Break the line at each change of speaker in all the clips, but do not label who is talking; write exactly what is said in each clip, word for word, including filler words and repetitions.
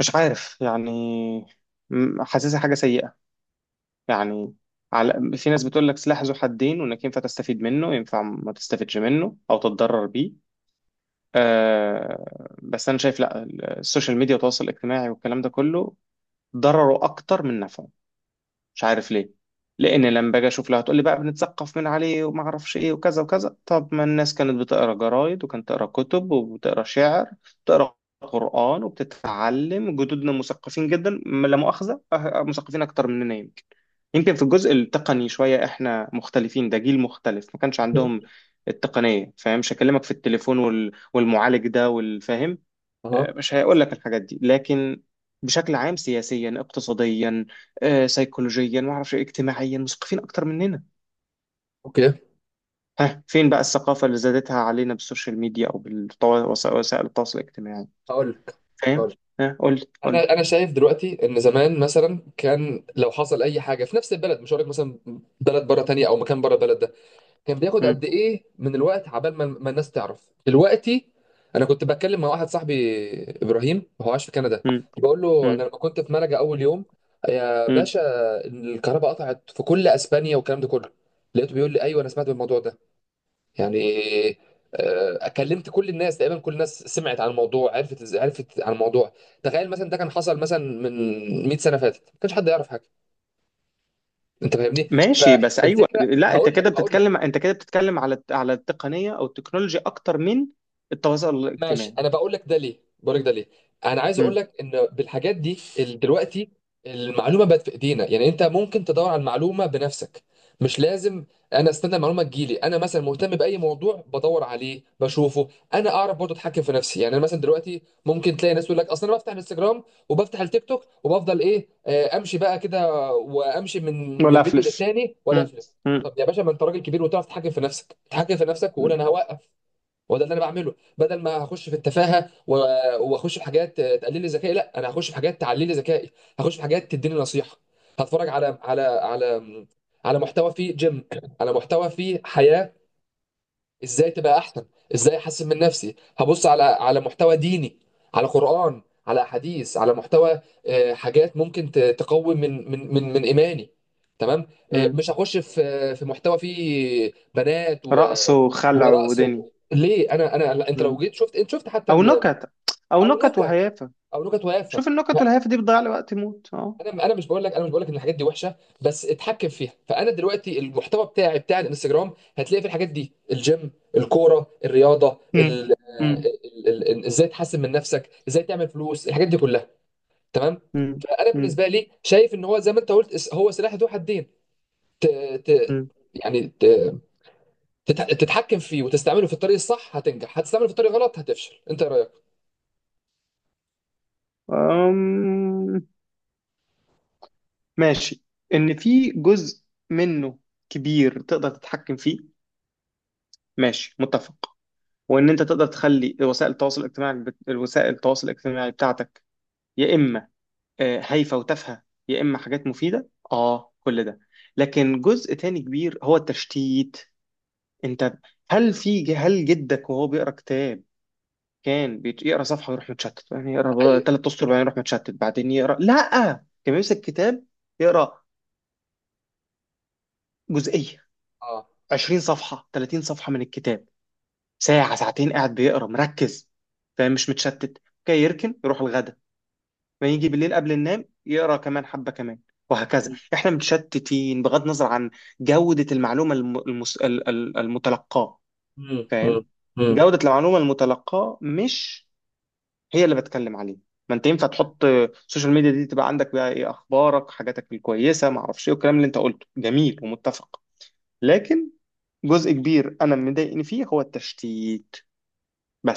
مش عارف يعني. م- حاسسها حاجة سيئة يعني. على في ناس بتقول لك سلاح ذو حدين، وانك ينفع تستفيد منه ينفع ما تستفيدش منه او تتضرر بيه. آه بس انا شايف لا، السوشيال ميديا والتواصل الاجتماعي والكلام ده كله ضرره اكتر من نفعه. مش عارف ليه. لان لما باجي اشوف لها هتقول لي بقى بنتثقف من عليه وما اعرفش ايه وكذا وكذا. طب ما الناس كانت بتقرا جرايد وكانت تقرا كتب وبتقرا شعر، بتقرا قرآن وبتتعلم. جدودنا مثقفين جدا، م- لا مؤاخذة، أه- أه، مثقفين أكتر مننا يمكن. يمكن في الجزء التقني شوية إحنا مختلفين، ده جيل مختلف ما كانش
مم.
عندهم التقنية، فاهم؟ مش هكلمك في التليفون وال... والمعالج ده والفاهم،
اها.
مش هيقول لك الحاجات دي. لكن بشكل عام سياسيا اقتصاديا آه، سيكولوجيا ما اعرفش إيه، اجتماعيا مثقفين اكتر مننا.
اوكي.
ها، فين بقى الثقافة اللي زادتها علينا بالسوشيال ميديا او بوسائل التواصل الاجتماعي؟
هقول لك، هقول
فاهم؟
لك.
ها قول لي قول لي.
انا انا شايف دلوقتي ان زمان مثلا كان لو حصل اي حاجه في نفس البلد، مش هقول لك مثلا بلد بره تانية او مكان بره البلد ده، كان بياخد
مم،
قد ايه من الوقت عبال ما, ما الناس تعرف. دلوقتي انا كنت بتكلم مع واحد صاحبي، ابراهيم، هو عايش في كندا،
مم،
بقول له: انا
مم،
لما كنت في ملجا اول يوم يا
مم.
باشا الكهرباء قطعت في كل اسبانيا والكلام ده كله، لقيته بيقول لي: ايوه انا سمعت بالموضوع ده، يعني آه، كلمت كل الناس، تقريبا كل الناس سمعت عن الموضوع، عرفت إز- عرفت عن الموضوع. تخيل مثلا ده كان حصل مثلا من مية سنه فاتت، ما كانش حد يعرف حاجه. انت فاهمني؟
ماشي بس ايوه،
فالفكره
لا انت
هقول لك،
كده
هقول لك
بتتكلم، انت كده بتتكلم على على التقنية او التكنولوجيا اكتر من التواصل
ماشي،
الاجتماعي.
انا بقول لك ده ليه، بقول لك ده ليه. انا عايز اقول
مم.
لك ان بالحاجات دي ال- دلوقتي المعلومه بقت في ايدينا، يعني انت ممكن تدور على المعلومه بنفسك، مش لازم انا استنى المعلومه تجيلي. انا مثلا مهتم باي موضوع بدور عليه بشوفه. انا اعرف برضه اتحكم في نفسي. يعني انا مثلا دلوقتي ممكن تلاقي ناس تقول لك: اصلا انا بفتح الانستجرام وبفتح التيك توك وبفضل ايه، آه، امشي بقى كده وامشي من
ولا
من فيديو
افلس.
للتاني ولا
مم،
افلف.
مم،
طب يا باشا ما انت راجل كبير وتعرف تتحكم في نفسك، تتحكم في نفسك وقول
مم،
انا هوقف. هو ده اللي انا بعمله، بدل ما هخش في التفاهه و- واخش في حاجات تقلل لي ذكائي، لا، انا هخش في حاجات تعلي لي ذكائي، هخش في حاجات تديني نصيحه، هتفرج على على على على محتوى فيه جيم، على محتوى فيه حياه، ازاي تبقى احسن، ازاي احسن من نفسي. هبص على على محتوى ديني، على قرآن، على احاديث، على محتوى، آه، حاجات ممكن ت- تقوي من من من من ايماني. تمام. آه،
مم.
مش هخش في في محتوى فيه بنات و-
رقص وخلع
ورقص
ودني.
و- ليه؟ انا انا لا، انت لو جيت شفت، انت شفت حتى
او
ال...
نكت او
او
نكت
نكت،
وهيافه.
او نكت ويافه.
شوف النكت والهيافه دي بتضيع لي وقت موت، اه.
انا انا مش بقول لك، انا مش بقول لك ان الحاجات دي وحشه، بس اتحكم فيها. فانا دلوقتي المحتوى بتاعي بتاع الانستجرام هتلاقي في الحاجات دي: الجيم، الكوره، الرياضه،
امم،
ال- آه،
امم.
ال- ال- ال- ازاي تحسن من نفسك، ازاي تعمل فلوس، الحاجات دي كلها. تمام.
امم،
فانا
امم.
بالنسبه لي شايف ان هو، زي ما انت قلت، اس- هو سلاح ذو حدين. ت... ت...
أمم.
يعني ت... تت- تتحكم فيه وتستعمله في الطريق الصح هتنجح، هتستعمله في الطريق غلط هتفشل. انت إيه رايك؟
أمم. ماشي، ان في جزء منه كبير تقدر تتحكم فيه، ماشي، متفق. وان انت تقدر تخلي وسائل التواصل الاجتماعي بت- الوسائل التواصل الاجتماعي بتاعتك، يا اما آه، هايفه وتافهه، يا اما حاجات مفيده اه كل ده. لكن جزء تاني كبير هو التشتيت. انت، هل في، هل جدك وهو بيقرا كتاب كان بيت- يقرا صفحه ويروح متشتت؟ يعني
ده
يقرا
حقيقي.
ثلاث اسطر بعدين يروح متشتت بعدين يقرا؟ لا، كان بيمسك كتاب يقرا جزئيه،
اه.
عشرين صفحه تلاتين صفحه من الكتاب، ساعه ساعتين قاعد بيقرا مركز، فاهم؟ مش متشتت. كان يركن يروح الغدا، ما يجي بالليل قبل النوم يقرا كمان حبه كمان، وهكذا. احنا متشتتين بغض النظر عن جوده المعلومه الم- المس... ال- ال- المتلقاه،
امم، امم،
فاهم؟
امم.
جوده المعلومه المتلقاه مش هي اللي بتكلم عليه. ما انت ينفع تحط السوشيال ميديا دي تبقى عندك بقى ايه اخبارك حاجاتك الكويسه ما اعرفش ايه، والكلام اللي انت قلته جميل ومتفق. لكن جزء كبير انا اللي مضايقني فيه هو التشتيت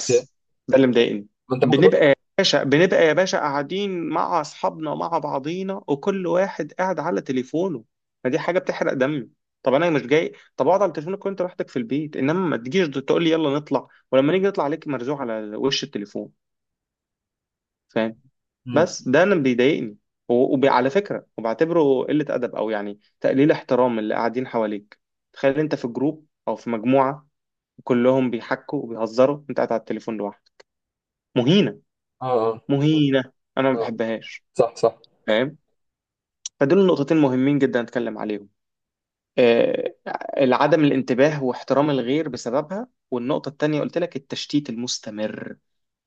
اوكي.
ده اللي مضايقني.
ما انت ممكن
بنبقى
برضه.
يا باشا، بنبقى يا باشا قاعدين مع اصحابنا مع بعضينا وكل واحد قاعد على تليفونه. ما دي حاجه بتحرق دمي. طب انا مش جاي، طب اقعد على تليفونك وانت لوحدك في البيت، انما ما تجيش تقول لي يلا نطلع ولما نيجي نطلع عليك مرزوع على وش التليفون، فاهم؟
امم.
بس ده انا بيضايقني. وعلى فكره وبعتبره قله ادب، او يعني تقليل احترام اللي قاعدين حواليك. تخيل انت في جروب او في مجموعه كلهم بيحكوا وبيهزروا، انت قاعد على التليفون لوحدك، مهينه.
اه، اه،
مهينه. انا ما
اه.
بحبهاش،
صح، صح.
فاهم؟ فدول نقطتين مهمين جدا اتكلم عليهم. آه، العدم الانتباه واحترام الغير بسببها، والنقطه التانيه قلت لك التشتيت المستمر.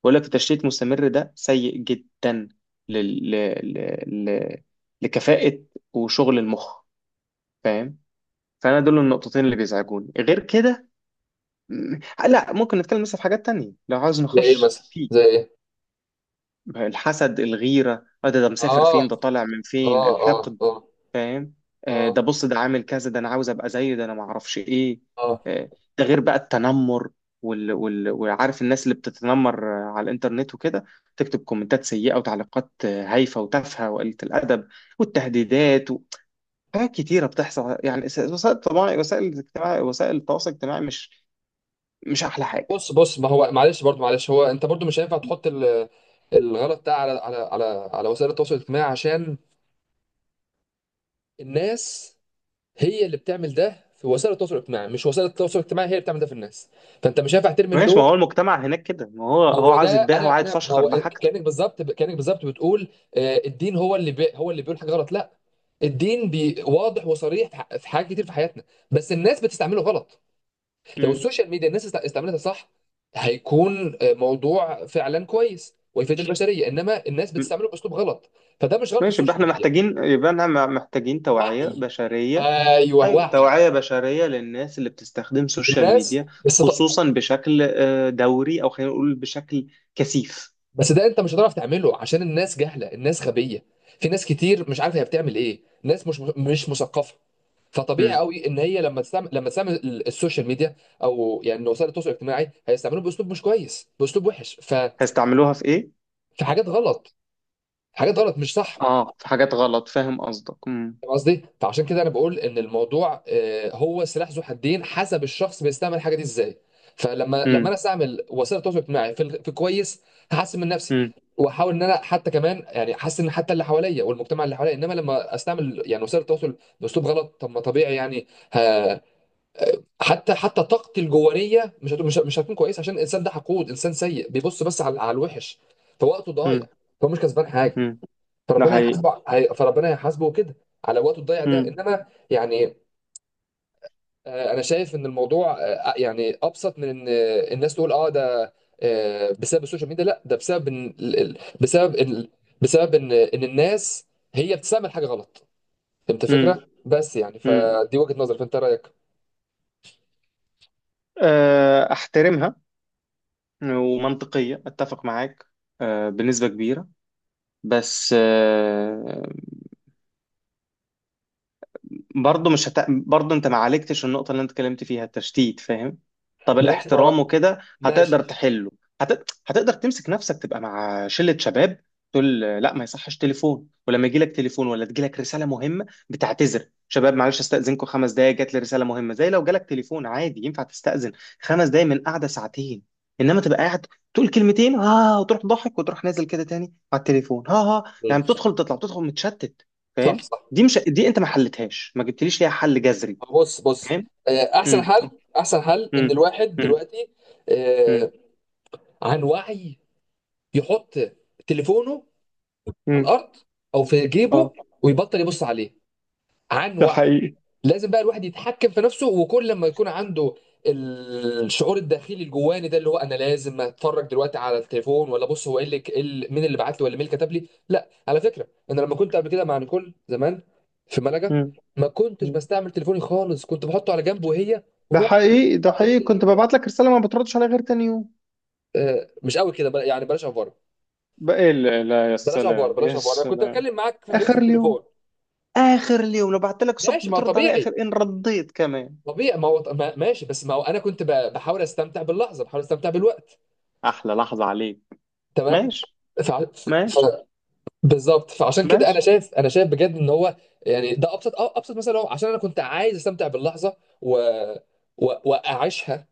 بقول لك التشتيت المستمر ده سيء جدا لل... ل... ل... ل... لكفاءة وشغل المخ، فاهم؟ فأنا دول النقطتين اللي بيزعجوني. غير كده، م- لا ممكن نتكلم مثلا في حاجات تانية لو عاوز
زي ايه
نخش
مثلا؟
في
زي ايه؟
الحسد الغيرة. آه ده، ده مسافر
اه،
فين، ده طالع من فين،
اه، اه،
الحقد،
اه،
فاهم؟ آه،
اه،
ده بص ده عامل كذا، ده انا عاوز ابقى زيه، ده انا ما اعرفش ايه.
اه.
آه، ده غير بقى التنمر وال... وال... وعارف الناس اللي بتتنمر آه، على الانترنت وكده، تكتب كومنتات سيئة وتعليقات آه، هايفة وتافهة وقلة الأدب والتهديدات و... حاجات كتيرة بتحصل يعني. س- وسائل، طبعا وسائل الاجتماع وسائل التواصل الاجتماعي مش مش أحلى حاجة.
بص، بص، ما هو معلش، برضو معلش، هو انت برضو مش هينفع تحط ال- الغلط ده على على على على وسائل التواصل الاجتماعي، عشان الناس هي اللي بتعمل ده في وسائل التواصل الاجتماعي، مش وسائل التواصل الاجتماعي هي اللي بتعمل ده في الناس. فانت مش هينفع ترمي
ماشي
اللوم.
ما هو المجتمع هناك كده، ما هو هو
هو ده.
عاوز يتباهى
انا
وعايز
انا ما
يفشخر
هو
بحاجته.
كانك بالظبط، كانك بالظبط بتقول آه، الدين هو اللي بي هو اللي بيقول حاجه غلط. لا، الدين بي واضح وصريح في ح- في حاجات كتير في حياتنا، بس الناس بتستعمله غلط. لو
مم.
السوشيال ميديا الناس است- استعملتها صح، هيكون آه، موضوع فعلا كويس ويفيد البشريه، انما الناس بتستعمله باسلوب غلط، فده مش غلط
ماشي، يبقى
السوشيال
احنا
ميديا.
محتاجين، يبقى احنا محتاجين توعية
وعي،
بشرية.
ايوه
أيوة
وعي.
توعية بشرية للناس اللي بتستخدم السوشيال
الناس
ميديا،
بس.
خصوصا بشكل آه، دوري، أو خلينا نقول بشكل كثيف.
بس ده انت مش هتعرف تعمله، عشان الناس جهله، الناس غبيه. في ناس كتير مش عارفه هي بتعمل ايه، ناس مش مش مثقفه. فطبيعي
مم.
قوي ان هي لما تستعمل لما تستعمل ال- السوشيال ميديا او يعني وسائل التواصل الاجتماعي، هيستعملوه باسلوب مش كويس، باسلوب وحش. ف...
هيستعملوها في إيه؟
في حاجات غلط، حاجات غلط مش صح.
آه في حاجات غلط، فاهم قصدك. مم.
فاهم قصدي؟ فعشان كده انا بقول ان الموضوع، آه، هو سلاح ذو حدين، حسب الشخص بيستعمل الحاجه دي ازاي. فلما لما انا
مم.
استعمل وسائل التواصل الاجتماعي في ال- في كويس، هحسن من نفسي
مم.
واحاول ان انا حتى كمان، يعني احسن حتى اللي حواليا والمجتمع اللي حواليا. انما لما استعمل يعني وسائل التواصل باسلوب غلط، طب ما طبيعي يعني ه- حتى حتى طاقتي الجوانيه مش هت- مش مش هتكون كويسه، عشان الانسان ده حقود، انسان سيء، بيبص بس على على الوحش، فوقته
مم.
ضايع، فهو مش كسبان حاجه.
مم. ده
فربنا
حقيقي.
هيحاسبه، هي- فربنا هيحاسبه كده على وقته الضايع ده.
مم.
انما يعني آه، انا شايف ان الموضوع، آه، يعني ابسط من ان، آه، الناس تقول اه ده آه، بسبب السوشيال ميديا. لا، ده بسبب إن ال- ال- بسبب إن، بسبب ان ان الناس هي بتستعمل حاجه غلط. فهمت
مم.
الفكره؟ بس يعني
مم.
فدي وجهه نظري، فانت رايك؟
آه، أحترمها ومنطقية، أتفق معاك آه، بنسبة كبيرة. بس آه، برضه مش هت... برضه انت ما عالجتش النقطة اللي انت اتكلمت فيها التشتيت، فاهم؟ طب
ماشي ما هو
الاحترام وكده
ماشي.
هتقدر تحله. هت... هتقدر تمسك نفسك تبقى مع شلة شباب تقول لا ما يصحش تليفون، ولما يجي لك تليفون ولا تجي لك رسالة مهمة بتعتذر: شباب معلش استأذنكم خمس دقايق، جات لي رسالة مهمة. زي لو جالك تليفون عادي ينفع تستأذن خمس دقايق من قعدة ساعتين، انما تبقى قاعد تقول كلمتين ها وتروح ضحك وتروح نازل كده تاني على التليفون، ها ها،
مم.
يعني بتدخل تطلع بتدخل متشتت،
صح،
فاهم؟
صح.
دي مش، دي انت ما حلتهاش، ما جبتليش ليها حل جذري،
ما هو بص بص،
فاهم؟
آه، احسن
امم،
حل، احسن حل ان
امم.
الواحد
امم،
دلوقتي، آه،
امم.
عن وعي، يحط تليفونه على
مم.
الارض او في جيبه،
اه،
ويبطل يبص عليه عن
ده
وعي.
حقيقي.
لازم بقى الواحد يتحكم في نفسه، وكل لما يكون عنده الشعور الداخلي الجواني ده، اللي هو انا لازم اتفرج دلوقتي على التليفون، ولا بص هو ايه اللي إيه اللي- مين اللي بعت لي، ولا مين اللي كتب لي. لا، على فكره، انا لما كنت قبل كده مع نيكول زمان في ملجا
مم.
ما كنتش
مم.
بستعمل تليفوني خالص، كنت بحطه على جنب، وهي
ده
ونقعد
حقيقي، ده حقيقي،
نقضي
كنت
اليوم.
ببعت لك رسالة ما بتردش عليها غير تاني يوم.
آه، مش قوي كده، بل- يعني بلاش افوره،
بقى إيه؟ لا لا، يا
بلاش افوره
سلام
بلاش
يا
افوره انا كنت
سلام.
اتكلم معاك في, في
آخر اليوم،
التليفون.
اخر اليوم، لو بعت لك صبح
ماشي، ما
بترد على اخر،
طبيعي،
ان رديت كمان.
طبيعي. ما هو ما- ماشي. بس ما هو انا كنت ب- بحاول استمتع باللحظه، بحاول استمتع بالوقت.
احلى لحظة عليك.
تمام.
ماشي.
ف... ف... ف...
ماشي.
بالظبط. فعشان كده انا
ماشي.
شايف، انا شايف بجد ان هو، يعني ده ابسط، أه، ابسط مثلا، هو عشان انا كنت عايز استمتع باللحظه و... و... واعيشها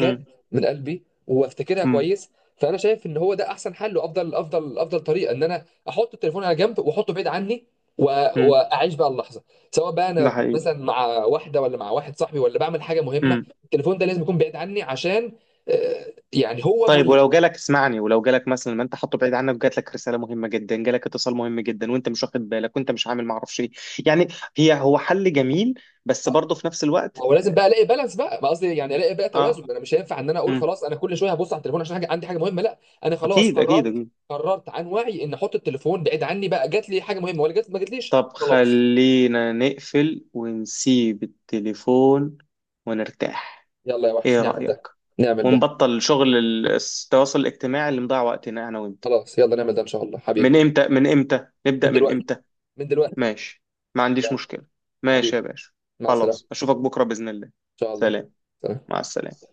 امم،
من قلبي وافتكرها كويس. فانا شايف ان هو ده احسن حل وافضل، افضل افضل طريقه، ان انا احط التليفون على جنب، واحطه بعيد عني، و-
امم.
واعيش بقى اللحظه، سواء بقى
ده
انا
حقيقي.
مثلا مع واحده، ولا مع واحد صاحبي، ولا بعمل حاجه مهمه.
مم.
التليفون ده لازم يكون بعيد عني، عشان آه، يعني هو
طيب
ملهي.
ولو جالك، اسمعني، ولو جالك مثلا ما انت حاطه بعيد عنك وجات لك رساله مهمه جدا، جالك اتصال مهم جدا وانت مش واخد بالك وانت مش عامل ما اعرفش ايه، يعني، هي هو حل جميل بس
آه،
برضه في نفس الوقت.
هو لازم بقى الاقي بالانس، بقى ما قصدي يعني الاقي بقى توازن.
اه،
انا مش هينفع ان انا اقول
امم.
خلاص انا كل شويه هبص على التليفون عشان حاجه، عندي حاجه مهمه. لا، انا خلاص
اكيد اكيد
قررت،
اكيد.
قررت عن وعي ان احط التليفون بعيد عني بقى. جات لي حاجه مهمه ولا جات، ما جاتليش،
طب
خلاص.
خلينا نقفل ونسيب التليفون ونرتاح،
يلا يا وحش
ايه
نعمل ده،
رأيك؟
نعمل ده.
ونبطل شغل ال- التواصل الاجتماعي اللي مضيع وقتنا انا وانت.
خلاص يلا نعمل ده ان شاء الله
من
حبيبي.
امتى، من امتى
من
نبدأ، من
دلوقتي،
امتى؟
من دلوقتي.
ماشي، ما عنديش
يلا
مشكلة. ماشي يا
حبيبي،
باشا.
مع
خلاص،
السلامه.
أشوفك بكرة بإذن الله.
ان شاء الله.
سلام.
سلام.
مع السلامة.